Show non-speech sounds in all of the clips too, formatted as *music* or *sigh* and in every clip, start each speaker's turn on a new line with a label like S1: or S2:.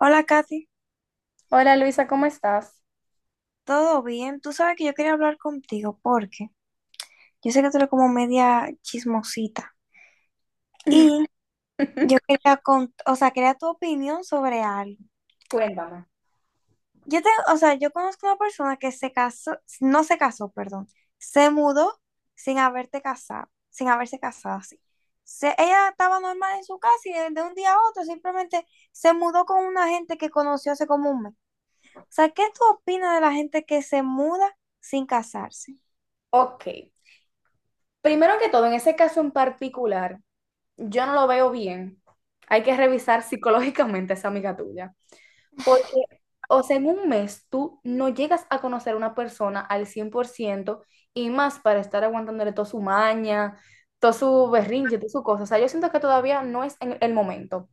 S1: Hola, Katy.
S2: Hola Luisa, ¿cómo estás?
S1: ¿Todo bien? Tú sabes que yo quería hablar contigo porque yo sé que tú eres como media chismosita y yo
S2: *laughs*
S1: quería o sea, quería tu opinión sobre algo.
S2: Cuéntame.
S1: O sea, yo conozco una persona que se casó, no se casó, perdón, se mudó sin haberte casado, sin haberse casado así. Ella estaba normal en su casa y de un día a otro simplemente se mudó con una gente que conoció hace como un mes. O sea, ¿qué tú opinas de la gente que se muda sin casarse?
S2: Ok. Primero que todo, en ese caso en particular, yo no lo veo bien. Hay que revisar psicológicamente a esa amiga tuya. Porque, o sea, en un mes tú no llegas a conocer a una persona al 100% y más para estar aguantándole toda su maña, todo su berrinche, toda su cosa. O sea, yo siento que todavía no es en el momento.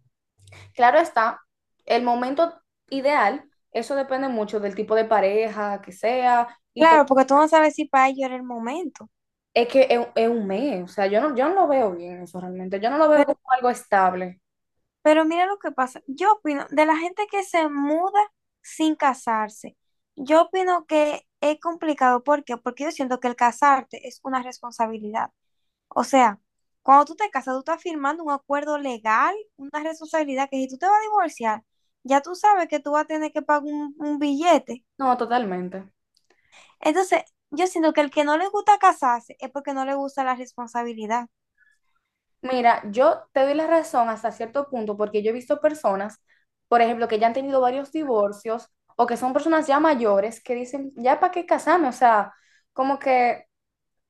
S2: Claro está, el momento ideal, eso depende mucho del tipo de pareja que sea. Y
S1: Claro, porque tú no sabes si para ellos era el momento.
S2: es que es un mes, o sea, yo no, yo no lo veo bien eso realmente, yo no lo veo
S1: Pero,
S2: como algo estable.
S1: pero mira lo que pasa. Yo opino, de la gente que se muda sin casarse, yo opino que es complicado. ¿Por qué? Porque yo siento que el casarte es una responsabilidad. O sea, cuando tú te casas, tú estás firmando un acuerdo legal, una responsabilidad que si tú te vas a divorciar, ya tú sabes que tú vas a tener que pagar un billete.
S2: No, totalmente.
S1: Entonces, yo siento que el que no le gusta casarse es porque no le gusta la responsabilidad.
S2: Mira, yo te doy la razón hasta cierto punto porque yo he visto personas, por ejemplo, que ya han tenido varios divorcios o que son personas ya mayores que dicen, ya para qué casarme, o sea, como que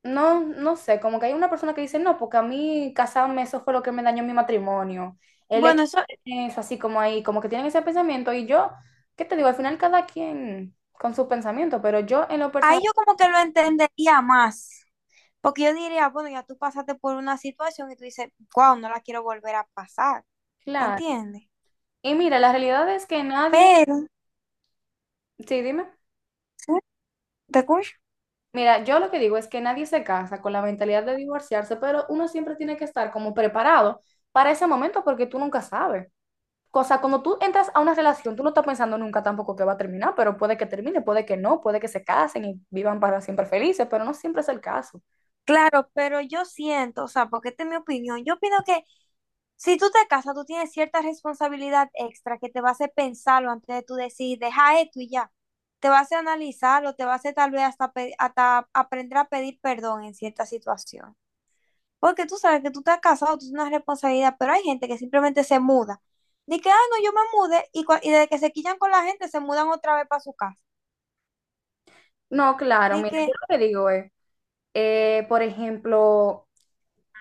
S2: no, no sé, como que hay una persona que dice, no, porque a mí casarme, eso fue lo que me dañó mi matrimonio. El hecho
S1: Bueno, eso.
S2: de tener eso así como ahí, como que tienen ese pensamiento y yo, ¿qué te digo? Al final cada quien con sus pensamientos, pero yo en lo
S1: Ahí
S2: personal,
S1: yo como que lo entendería más, porque yo diría, bueno, ya tú pasaste por una situación y tú dices, wow, no la quiero volver a pasar,
S2: claro.
S1: ¿entiendes?
S2: Y mira, la realidad es que nadie,
S1: Pero,
S2: sí, dime,
S1: ¿sí? ¿Te escucho?
S2: mira, yo lo que digo es que nadie se casa con la mentalidad de divorciarse, pero uno siempre tiene que estar como preparado para ese momento porque tú nunca sabes. O sea, cuando tú entras a una relación, tú no estás pensando nunca tampoco que va a terminar, pero puede que termine, puede que no, puede que se casen y vivan para siempre felices, pero no siempre es el caso.
S1: Claro, pero yo siento, o sea, porque esta es mi opinión, yo opino que si tú te casas, tú tienes cierta responsabilidad extra que te va a hacer pensarlo antes de tú decir, deja esto y ya. Te va a hacer analizarlo, te va a hacer tal vez hasta, hasta aprender a pedir perdón en cierta situación. Porque tú sabes que tú estás casado, tú tienes una responsabilidad, pero hay gente que simplemente se muda. Dice que, ah, no, yo me mudé, y desde que se quillan con la gente, se mudan otra vez para su casa.
S2: No, claro,
S1: Dice
S2: mira, yo
S1: que,
S2: lo que digo es, por ejemplo,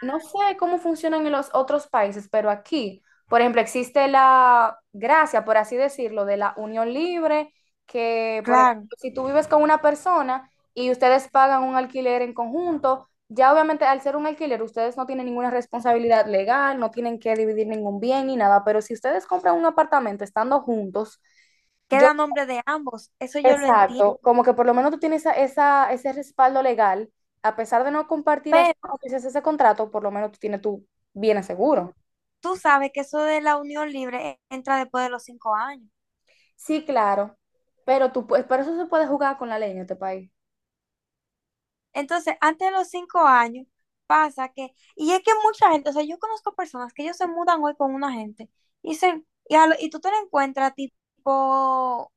S2: no sé cómo funcionan en los otros países, pero aquí, por ejemplo, existe la gracia, por así decirlo, de la unión libre, que, por ejemplo,
S1: claro,
S2: si tú vives con una persona y ustedes pagan un alquiler en conjunto, ya obviamente al ser un alquiler, ustedes no tienen ninguna responsabilidad legal, no tienen que dividir ningún bien ni nada, pero si ustedes compran un apartamento estando juntos, yo
S1: queda nombre de ambos, eso yo lo entiendo,
S2: exacto, como que por lo menos tú tienes esa, ese respaldo legal, a pesar de no compartir así
S1: pero
S2: como tú ese contrato, por lo menos tú tienes tu bien
S1: tú
S2: seguro.
S1: tú sabes que eso de la unión libre entra después de los 5 años.
S2: Sí, claro, pero tú, pero eso se puede jugar con la ley en este país.
S1: Entonces, antes de los 5 años, pasa que, y es que mucha gente, o sea, yo conozco personas que ellos se mudan hoy con una gente, y, se, y, a lo- y tú te lo encuentras tipo,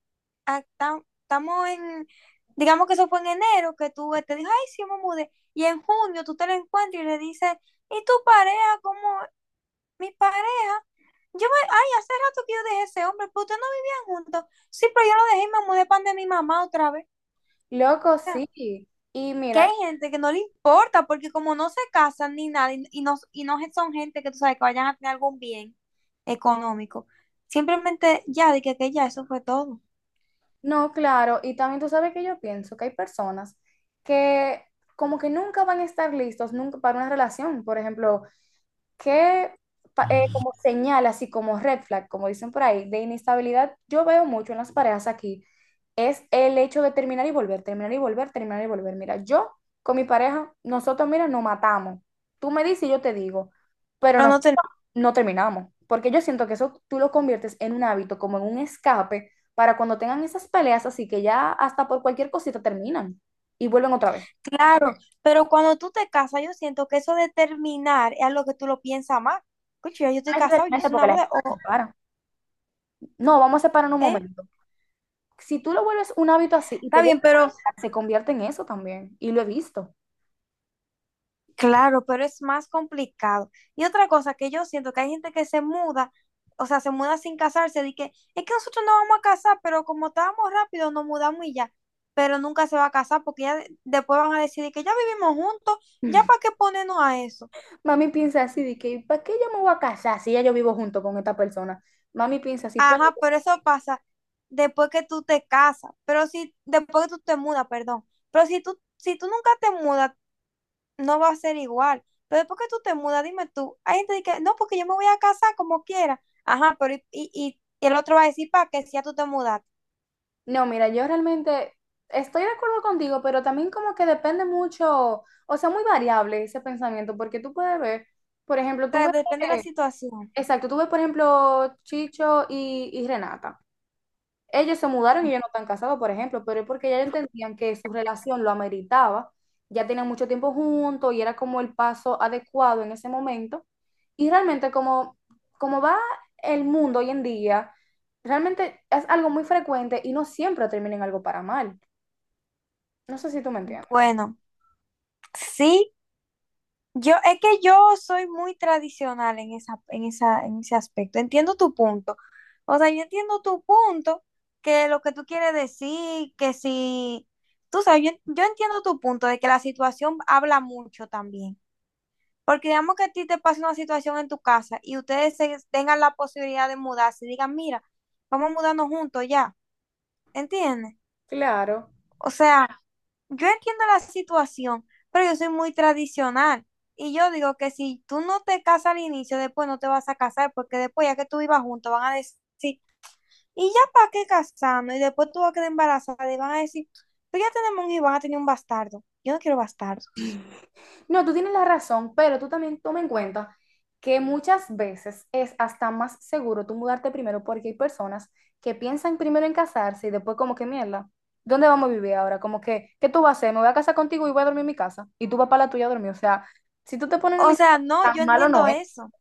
S1: estamos en, digamos que eso fue en enero, que tú te dijo, ay, sí, me mudé, y en junio tú te lo encuentras y le dices, ¿y tu pareja? ¿Cómo? Mi pareja. Yo me, ay, hace rato que yo dejé ese hombre, pero ustedes no vivían juntos. Sí, pero yo lo dejé y me mudé pan de mi mamá otra vez,
S2: Loco, sí. Y
S1: que hay
S2: mira,
S1: gente que no le importa, porque como no se casan ni nada, y no son gente que tú sabes que vayan a tener algún bien económico, simplemente ya, de que ya eso fue todo.
S2: no, claro, y también tú sabes que yo pienso que hay personas que como que nunca van a estar listos nunca para una relación. Por ejemplo, que como señal, así como red flag, como dicen por ahí, de inestabilidad, yo veo mucho en las parejas aquí, es el hecho de terminar y volver, terminar y volver, terminar y volver. Mira, yo con mi pareja, nosotros, mira, nos matamos. Tú me dices y yo te digo, pero
S1: Pero no
S2: nosotros
S1: te,
S2: no terminamos, porque yo siento que eso tú lo conviertes en un hábito, como en un escape, para cuando tengan esas peleas, así que ya hasta por cualquier cosita terminan y vuelven otra vez.
S1: claro, pero cuando tú te casas, yo siento que eso de terminar es algo que tú lo piensas más. Escucha, yo estoy
S2: No es
S1: casado, yo
S2: realmente
S1: hice
S2: porque
S1: una
S2: la
S1: boda,
S2: gente se
S1: o,
S2: separa. No, vamos a separar en un
S1: ¿eh?
S2: momento. Si tú lo vuelves un hábito así y te
S1: Está
S2: llega
S1: bien,
S2: a
S1: pero
S2: casar, se convierte en eso también, y lo he visto.
S1: claro, pero es más complicado. Y otra cosa que yo siento que hay gente que se muda, o sea, se muda sin casarse, de que es que nosotros no vamos a casar, pero como estábamos rápido, nos mudamos y ya. Pero nunca se va a casar porque ya de- después van a decidir que ya vivimos juntos, ya para
S2: *laughs*
S1: qué ponernos a eso.
S2: Mami piensa así, de que, ¿para qué yo me voy a casar si ya yo vivo junto con esta persona? Mami piensa así, pero
S1: Ajá, pero eso pasa después que tú te casas, pero si después que tú te mudas, perdón. Pero si tú nunca te mudas, no va a ser igual. Pero después que tú te mudas, dime tú, hay gente que, no, porque yo me voy a casar como quiera. Ajá, pero y el otro va a decir, para que si ya tú te mudas. O
S2: no, mira, yo realmente estoy de acuerdo contigo, pero también como que depende mucho, o sea, muy variable ese pensamiento, porque tú puedes ver, por ejemplo, tú
S1: sea,
S2: ves,
S1: depende de la
S2: eh,
S1: situación.
S2: exacto, tú ves, por ejemplo, Chicho y Renata. Ellos se mudaron y ellos no están casados, por ejemplo, pero es porque ya entendían que su relación lo ameritaba, ya tenían mucho tiempo juntos y era como el paso adecuado en ese momento. Y realmente como, como va el mundo hoy en día, realmente es algo muy frecuente y no siempre termina en algo para mal. No sé si tú me entiendes.
S1: Bueno, sí, yo, es que yo soy muy tradicional en en ese aspecto. Entiendo tu punto. O sea, yo entiendo tu punto, que lo que tú quieres decir, que si, tú sabes, yo entiendo tu punto de que la situación habla mucho también. Porque digamos que a ti te pasa una situación en tu casa y ustedes se- tengan la posibilidad de mudarse y digan, mira, vamos a mudarnos juntos ya, ¿entiendes?
S2: Claro.
S1: O sea, yo entiendo la situación, pero yo soy muy tradicional. Y yo digo que si tú no te casas al inicio, después no te vas a casar, porque después ya que tú vivas juntos van a decir, ¿y ya para qué casarnos? Y después tú vas a quedar embarazada y van a decir, pero ya tenemos un hijo y van a tener un bastardo. Yo no quiero bastardos.
S2: No, tú tienes la razón, pero tú también toma en cuenta que muchas veces es hasta más seguro tú mudarte primero porque hay personas que piensan primero en casarse y después como que mierda, ¿dónde vamos a vivir ahora? Como que, ¿qué tú vas a hacer? Me voy a casar contigo y voy a dormir en mi casa y tú vas para la tuya a dormir. O sea, si tú te pones en el
S1: O sea,
S2: listado,
S1: no, yo
S2: tan malo no
S1: entiendo
S2: es.
S1: eso.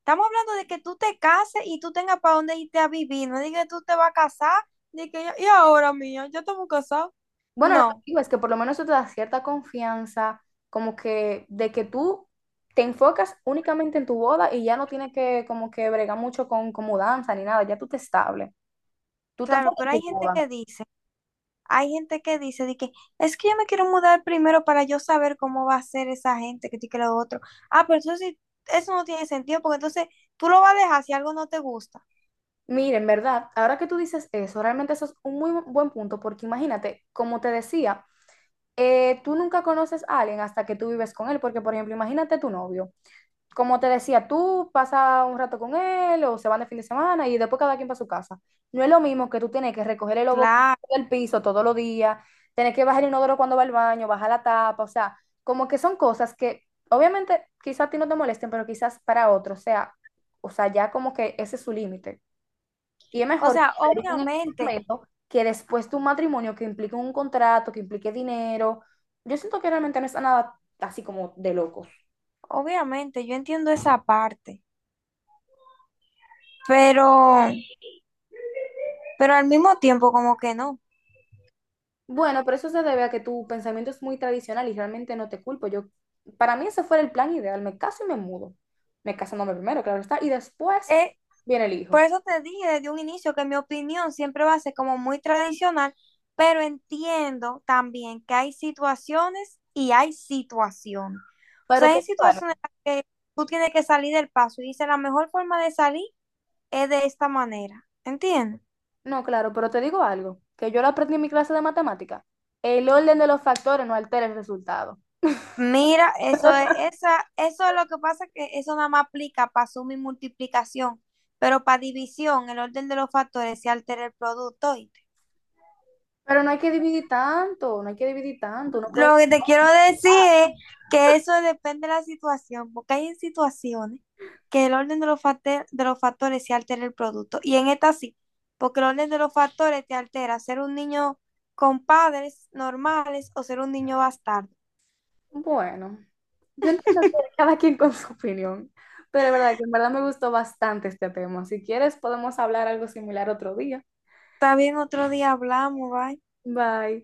S1: Estamos hablando de que tú te cases y tú tengas para dónde irte a vivir, no digas que tú te vas a casar, de que yo- y ahora mía, yo estamos casados.
S2: Bueno, lo que
S1: No,
S2: digo es que por lo menos eso te da cierta confianza, como que de que tú te enfocas únicamente en tu boda y ya no tienes que como que bregar mucho con mudanza ni nada, ya tú te estables. Tú tan
S1: claro,
S2: fuerte
S1: pero hay
S2: en tu
S1: gente
S2: boda.
S1: que dice, hay gente que dice de que es que yo me quiero mudar primero para yo saber cómo va a ser esa gente que tiene que lo otro. Ah, pero eso sí, eso no tiene sentido, porque entonces tú lo vas a dejar si algo no te gusta.
S2: Mira, en verdad, ahora que tú dices eso, realmente eso es un muy buen punto, porque imagínate, como te decía, tú nunca conoces a alguien hasta que tú vives con él, porque por ejemplo, imagínate tu novio. Como te decía, tú pasas un rato con él o se van de fin de semana y después cada quien para su casa. No es lo mismo que tú tienes que recoger el obo
S1: Claro.
S2: del piso todos los días, tener que bajar el inodoro cuando va al baño, bajar la tapa, o sea, como que son cosas que obviamente quizás a ti no te molesten, pero quizás para otros, o sea, ya como que ese es su límite. Y es
S1: O
S2: mejor que
S1: sea,
S2: te digan en ese
S1: obviamente,
S2: momento que después de un matrimonio que implique un contrato, que implique dinero, yo siento que realmente no es nada así como de locos.
S1: obviamente, yo entiendo esa parte, pero pero al mismo tiempo como que no.
S2: Bueno, pero eso se debe a que tu pensamiento es muy tradicional y realmente no te culpo. Yo, para mí ese fuera el plan ideal. Me caso y me mudo. Me casándome primero, claro está. Y después
S1: Eh,
S2: viene el
S1: por
S2: hijo.
S1: eso te dije desde un inicio que mi opinión siempre va a ser como muy tradicional, pero entiendo también que hay situaciones y hay situaciones. O
S2: Pero
S1: sea,
S2: te
S1: hay
S2: digo algo.
S1: situaciones en las que tú tienes que salir del paso y dices, la mejor forma de salir es de esta manera, ¿entiendes?
S2: No, claro, pero te digo algo. Que yo lo aprendí en mi clase de matemática. El orden de los factores no altera el resultado.
S1: Mira, eso es,
S2: *laughs*
S1: esa, eso es lo que pasa, que eso nada más aplica para suma y multiplicación, pero para división, el orden de los factores se altera el producto.
S2: Pero no hay que dividir tanto, no hay que dividir tanto. Uno puede...
S1: Lo que te quiero decir es que eso depende de la situación, porque hay en situaciones que el orden de los, de los factores se altera el producto. Y en esta sí, porque el orden de los factores te altera ser un niño con padres normales o ser un niño bastardo.
S2: Bueno. Yo entiendo que cada quien con su opinión, pero es verdad que en verdad me gustó bastante este tema. Si quieres, podemos hablar algo similar otro día.
S1: Está bien, otro día hablamos, bye.
S2: Bye.